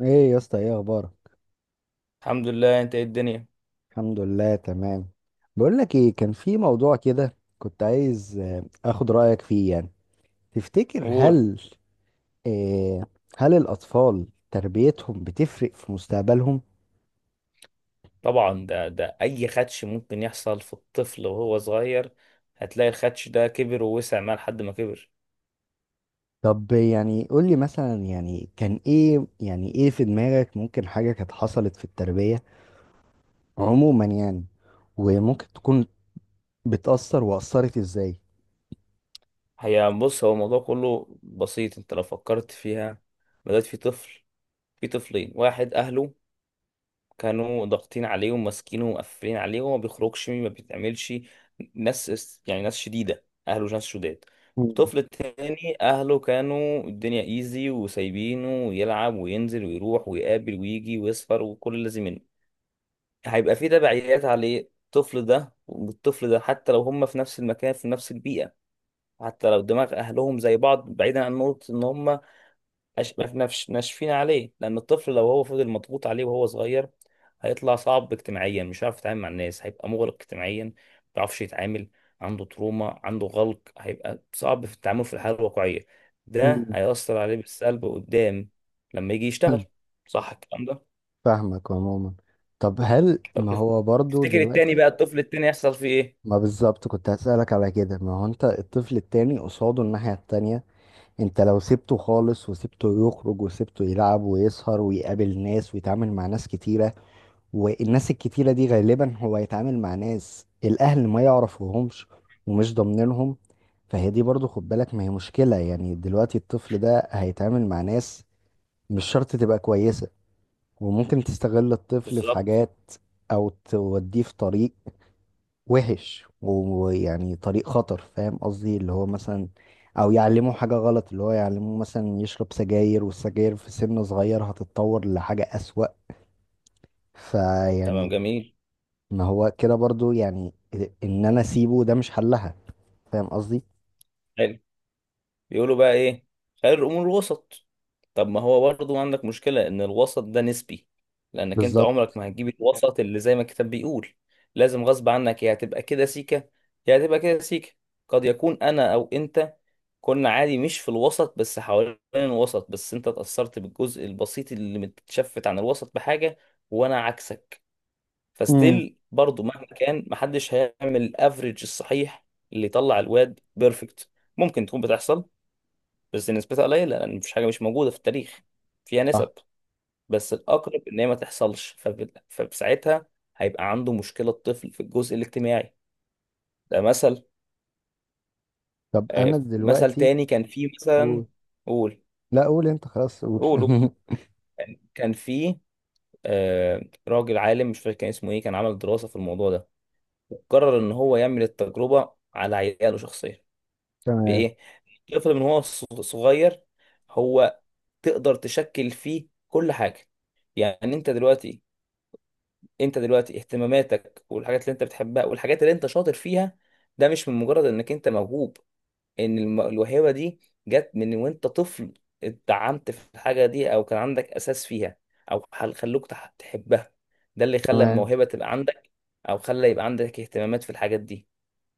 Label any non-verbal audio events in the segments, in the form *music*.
ايه يا اسطى، ايه اخبارك؟ الحمد لله. انت ايه الدنيا؟ الحمد لله، تمام. بقول لك ايه، كان في موضوع كده كنت عايز اخد رايك فيه يعني. تفتكر قول. هل... آه، هل الاطفال تربيتهم بتفرق في مستقبلهم؟ طبعا ده اي خدش ممكن يحصل في الطفل وهو صغير. هتلاقي الخدش ده كبر ووسع معاه لحد ما كبر. طب يعني قول لي مثلا، يعني كان ايه، يعني ايه في دماغك ممكن حاجه كانت حصلت في التربيه عموما يعني. وممكن تكون بتأثر وأثرت ازاي؟ هي بص، هو الموضوع كله بسيط انت لو فكرت فيها. بدأت في طفل، في طفلين. واحد اهله كانوا ضاغطين عليه وماسكينه ومقفلين عليه وما بيخرجش ما بيتعملش. يعني ناس شديدة، أهله ناس شداد. مم. الطفل التاني أهله كانوا الدنيا إيزي وسايبينه يلعب وينزل ويروح ويقابل ويجي ويسهر وكل اللي زي منه. هيبقى في تبعيات عليه الطفل ده والطفل ده، حتى لو هما في نفس المكان في نفس البيئة، حتى لو دماغ أهلهم زي بعض، بعيدا عن نقطة إن هما أش... ما- ما فيش- ناشفين عليه. لأن الطفل لو هو فضل مضغوط عليه وهو صغير، هيطلع صعب اجتماعيا، مش هيعرف يتعامل مع الناس، هيبقى مغلق اجتماعيا، ما بيعرفش يتعامل. عنده تروما، عنده غلق، هيبقى صعب في التعامل في الحياة الواقعية. ده مم. هيأثر عليه بالسلب قدام لما يجي يشتغل. *laughs* صح الكلام ده؟ فاهمك عموما. طب هل طب ما تف- هو برضو تفتكر التاني دلوقتي... بقى، الطفل التاني، يحصل فيه ايه؟ ما بالظبط كنت هسألك على كده، ما هو انت الطفل التاني قصاده الناحية التانية. انت لو سبته خالص وسبته يخرج وسبته يلعب ويسهر ويقابل ناس ويتعامل مع ناس كتيرة، والناس الكتيرة دي غالبا هو هيتعامل مع ناس الأهل ما يعرفوهمش ومش ضامنينهم. فهي دي برضو، خد بالك، ما هي مشكلة يعني دلوقتي الطفل ده هيتعامل مع ناس مش شرط تبقى كويسة، وممكن تستغل الطفل في بالظبط، حاجات أو توديه في طريق وحش، ويعني طريق خطر. فاهم قصدي؟ اللي هو مثلا او يعلمه حاجة غلط، اللي هو يعلمه مثلا يشرب سجاير، والسجاير في سن صغير هتتطور لحاجة أسوأ. تمام، فيعني جميل، ما هو كده برضو يعني، ان انا اسيبه ده مش حلها. فاهم قصدي؟ حلو. بيقولوا بقى ايه؟ خير الامور الوسط. طب ما هو برضه عندك مشكلة ان الوسط ده نسبي. لانك انت عمرك بالظبط. ما هتجيب الوسط اللي زي ما الكتاب بيقول. لازم غصب عنك يا هتبقى كده سيكة يا هتبقى كده سيكة. قد يكون انا او انت كنا عادي مش في الوسط بس حوالين الوسط، بس انت اتأثرت بالجزء البسيط اللي متشفت عن الوسط بحاجة، وانا عكسك. امم. فستيل برضه مهما كان محدش هيعمل الافريج الصحيح اللي يطلع الواد بيرفكت. ممكن تكون بتحصل بس نسبتها قليلة، لأن مفيش حاجة مش موجودة في التاريخ فيها صح. نسب. بس الأقرب إن هي ما تحصلش. فساعتها هيبقى عنده مشكلة، الطفل، في الجزء الاجتماعي. ده مثل. طب انا مثل دلوقتي... تاني كان فيه مثلا. قول. قول لا، قول انت، خلاص قول. قول قول. *laughs* كان فيه آه راجل عالم، مش فاكر كان اسمه إيه، كان عمل دراسة في الموضوع ده، وقرر إن هو يعمل التجربة على عياله شخصيا. تمام. بإيه؟ الطفل من هو صغير، هو تقدر تشكل فيه كل حاجة. يعني انت دلوقتي اهتماماتك والحاجات اللي انت بتحبها والحاجات اللي انت شاطر فيها، ده مش من مجرد انك انت موهوب. ان الموهبة دي جت من وانت طفل، اتدعمت في الحاجة دي او كان عندك اساس فيها، او تحبها، ده اللي خلى تمام. الموهبة تبقى عندك، او خلى يبقى عندك اهتمامات في الحاجات دي.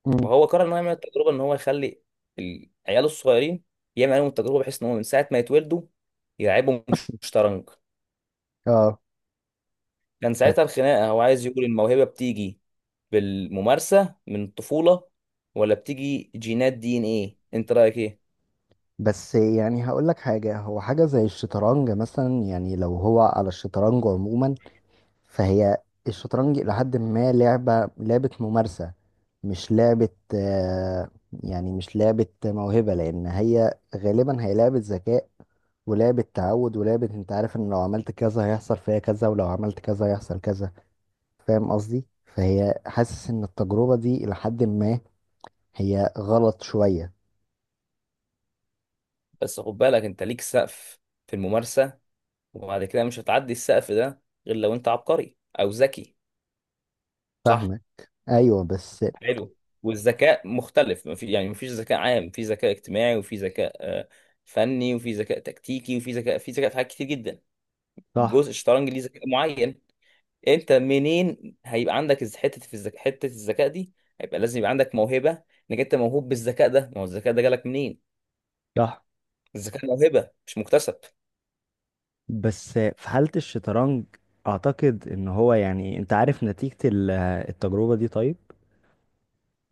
امم. فهو قرر ان هو يعمل التجربة، ان هو يخلي عياله الصغيرين يعمل عليهم التجربة، بحيث ان هو من ساعة ما يتولدوا يلعبهم شطرنج. اه كان ساعتها الخناقة هو عايز يقول الموهبة بتيجي بالممارسة من الطفولة، ولا بتيجي جينات، دي ان ايه؟ انت رأيك ايه؟ بس يعني هقول لك حاجة، هو حاجة زي الشطرنج مثلا، يعني لو هو على الشطرنج عموما، فهي الشطرنج إلى حد ما لعبة ممارسة، مش لعبة. آه، يعني مش لعبة موهبة، لأن هي غالبا هي لعبة ذكاء ولعبة تعود ولعبة، أنت عارف إن لو عملت كذا هيحصل فيها كذا، ولو عملت كذا هيحصل كذا. فاهم قصدي؟ فهي حاسس إن التجربة دي إلى حد ما هي غلط شوية. بس خد بالك، انت ليك سقف في الممارسة، وبعد كده مش هتعدي السقف ده غير لو انت عبقري او ذكي. صح؟ فاهمة؟ أيوه بس. حلو. والذكاء مختلف، مفي يعني مفيش ذكاء عام. في ذكاء اجتماعي، وفي ذكاء آه، فني، وفي ذكاء تكتيكي، وفي ذكاء، في ذكاء، في حاجات كتير جدا. صح. جزء الشطرنج ليه ذكاء معين، انت منين هيبقى عندك حته في الذكاء، حته الذكاء دي هيبقى لازم يبقى عندك موهبه، انك انت موهوب بالذكاء ده. ما هو الذكاء ده جالك منين؟ صح. الذكاء موهبه مش مكتسب. بس في حالة الشطرنج، اعتقد ان هو، يعني انت عارف نتيجة ال- التجربة دي، طيب.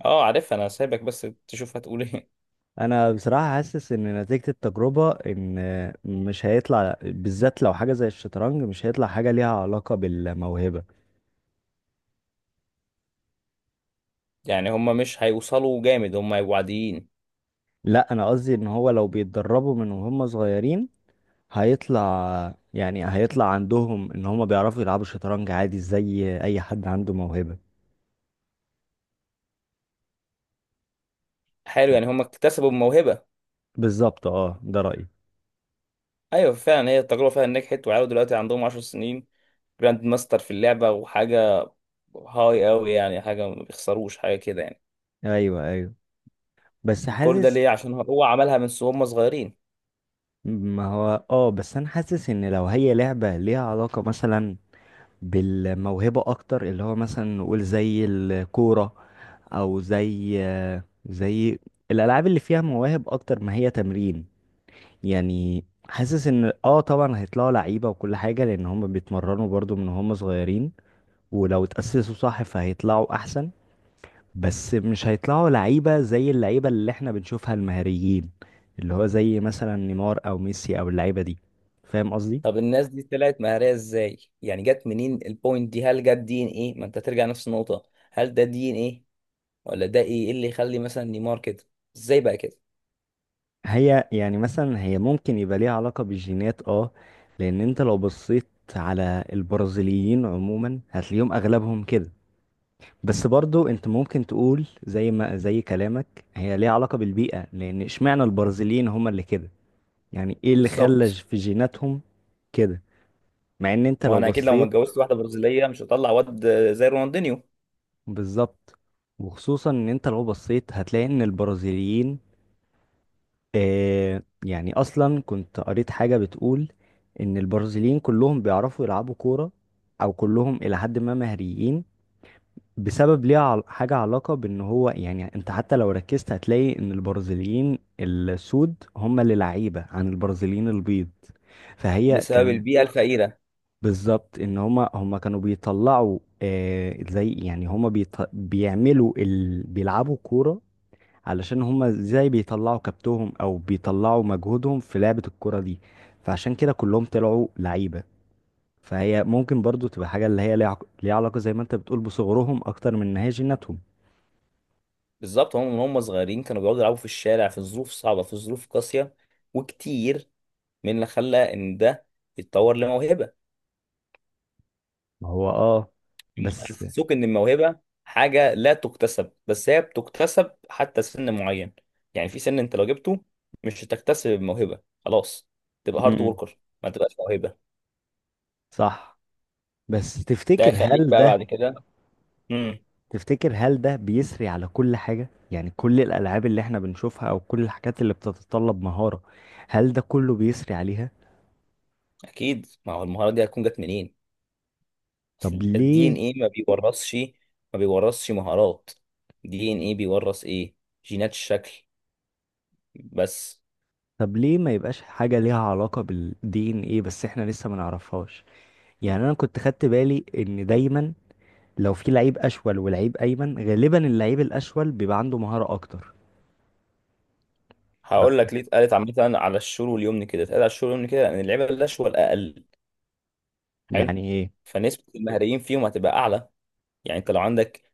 اه عارفها، انا سايبك بس تشوف هتقول ايه. انا بصراحة حاسس ان نتيجة التجربة ان مش هيطلع، بالذات لو حاجة زي الشطرنج، مش هيطلع حاجة ليها علاقة بالموهبة. *laughs* يعني هما مش هيوصلوا جامد، هما هيبقوا عاديين. لا، انا قصدي ان هو لو بيتدربوا من وهم صغيرين، هيطلع، يعني هيطلع عندهم ان هم بيعرفوا يلعبوا شطرنج عادي زي اي حد عنده موهبة. حلو، ف- يعني هما اكتسبوا الموهبه. بالظبط اه، ده رأيي. ايوه فعلا، هي التجربه فعلا نجحت، وعيال دلوقتي عندهم 10 سنين، جراند ماستر في اللعبه، وحاجه هاي قوي يعني، حاجه ما بيخسروش حاجه كده يعني. ايوه، ايوه. بس كل ده حاسس... ليه؟ عشان هو عملها من هما صغيرين. ما هو بس انا حاسس ان لو هي لعبة ليها علاقة مثلا بالموهبة اكتر، اللي هو مثلا نقول زي الكورة او زي زي الالعاب اللي فيها مواهب اكتر ما هي تمرين. يعني حاسس ان طبعا هيطلعوا لعيبة وكل حاجة، لان هم بيتمرنوا برضو من هم صغيرين، ولو اتأسسوا صح فهيطلعوا احسن. بس مش هيطلعوا لعيبة زي اللعيبة اللي احنا بنشوفها المهاريين، اللي هو زي مثلا نيمار او ميسي او اللعيبة دي. فاهم قصدي؟ طب الناس دي طلعت مهارية ازاي؟ يعني جت منين البوينت دي؟ هل جت دي ان ايه؟ ما انت ترجع نفس النقطة. هل ده دي ان ايه ولا ده ايه؟ إيه اللي يخلي مثلا نيمار كده؟ ازاي بقى كده؟ هي يعني مثلا هي ممكن يبقى ليها علاقة بالجينات اه لان انت لو بصيت على البرازيليين عموما هتلاقيهم اغلبهم كده. بس برضو انت ممكن تقول زي ما زي كلامك هي ليها علاقة بالبيئة، لان اشمعنى البرازيليين هما اللي كده؟ يعني ايه اللي خلى بالظبط. في جيناتهم كده؟ مع ان انت ما هو لو انا اكيد لو ما بصيت... اتجوزت واحدة برازيلية مش هطلع واد زي رونالدينيو. بالظبط. وخصوصا ان انت لو بصيت هتلاقي ان البرازيليين، يعني اصلا كنت قريت حاجة بتقول ان البرازيليين كلهم بيعرفوا يلعبوا كورة، او كلهم الى حد ما مهريين بسبب، ليها عل- حاجة علاقة بان هو، يعني انت حتى لو ركزت هتلاقي ان البرازيليين السود هم اللي لعيبة عن البرازيليين البيض. فهي بسبب كان... البيئة الفقيرة بالظبط، ان هما كانوا بيطلعوا، زي يعني هما بيط... بيعملوا ال... بيلعبوا كورة، علشان هما ازاي بيطلعوا كبتهم او بيطلعوا مجهودهم في لعبة الكرة دي. فعشان كده كلهم طلعوا لعيبة. فهي ممكن برضو تبقى حاجة اللي هي ليها عق- ليها علاقة، زي ما انت بتقول، بصغرهم اكتر من ان هي جيناتهم. بالظبط. هم من هم صغيرين كانوا بيقعدوا يلعبوا في الشارع، في ظروف صعبة، في ظروف قاسية وكتير، من اللي خلى ان ده يتطور لموهبة. ما هو اه، هم بس... حسسوك ان الموهبه حاجه لا تكتسب، بس هي بتكتسب حتى سن معين. يعني في سن انت لو جبته مش هتكتسب الموهبه خلاص، تبقى هارد امم. وركر، ما تبقاش موهبه. صح، بس ده تفتكر هيخليك هل بقى ده... بعد كده. امم. تفتكر هل ده بيسري على كل حاجة؟ يعني كل الالعاب اللي احنا بنشوفها او كل الحاجات اللي بتتطلب مهارة، هل ده كله بيسري عليها؟ اكيد، ما هو المهاره دي هتكون جت منين؟ طب الدي ان ليه؟ ايه ما بيورثش، ما بيورثش مهارات. الدي ان ايه بيورث ايه؟ جينات الشكل بس. طب ليه ما يبقاش حاجة ليها علاقة بالدي ان ايه، بس احنا لسه ما نعرفهاش؟ يعني انا كنت خدت بالي ان دايما لو في لعيب اشول ولعيب ايمن، غالبا اللعيب الاشول بيبقى عنده مهارة اكتر. ف... هقول لك ليه. اتقالت عامه على الشور واليمن كده، اتقال على الشور واليمن كده ان اللعيبه الناشئه الاقل. حلو. يعني ايه؟ فنسبة المهريين فيهم هتبقى أعلى. يعني أنت لو عندك،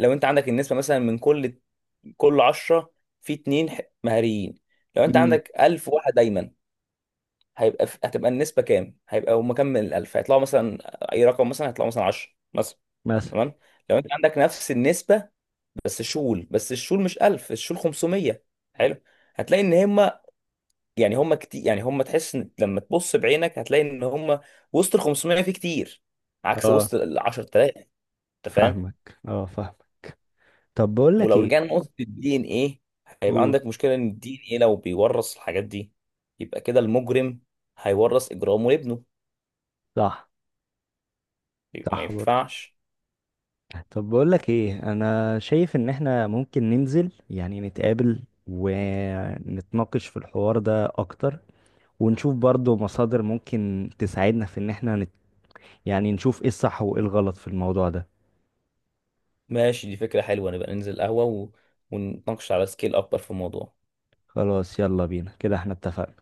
لو أنت عندك النسبة مثلا من كل 10، في اتنين مهريين. لو أنت امم. عندك 1000 واحد دايما، هيبقى في... هتبقى النسبة كام؟ هيبقى هم كام من ال 1000 هيطلعوا مثلا؟ أي رقم، مثلا هيطلعوا مثلا 10 مثلا. مثلا تمام. لو أنت عندك نفس النسبة بس شول، بس الشول مش 1000، الشول 500. حلو. هتلاقي ان هم، يعني هم كتير، يعني هم تحس إن لما تبص بعينك هتلاقي ان هم وسط ال 500 في كتير عكس اه وسط ال 10000. انت فاهم؟ فاهمك، اه فاهمك. طب بقول لك ولو ايه... رجعنا ايوه لنقطه الدي ان ايه، هيبقى قول. عندك مشكله ان الدي ان ايه لو بيورث الحاجات دي، يبقى كده المجرم هيورث اجرامه لابنه، صح، يبقى ما صح برضه. ينفعش. طب بقول لك ايه، انا شايف ان احنا ممكن ننزل، يعني نتقابل ونتناقش في الحوار ده اكتر، ونشوف برضو مصادر ممكن تساعدنا في ان احنا نت... يعني نشوف ايه الصح وايه الغلط في الموضوع ده. ماشي، دي فكره حلوه، نبقى ننزل قهوه و... ونتناقش على سكيل اكبر في الموضوع. خلاص، يلا بينا كده، احنا اتفقنا.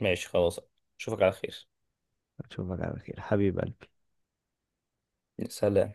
ماشي خلاص. اشوفك على خير. اشوفك على خير حبيبي. سلام.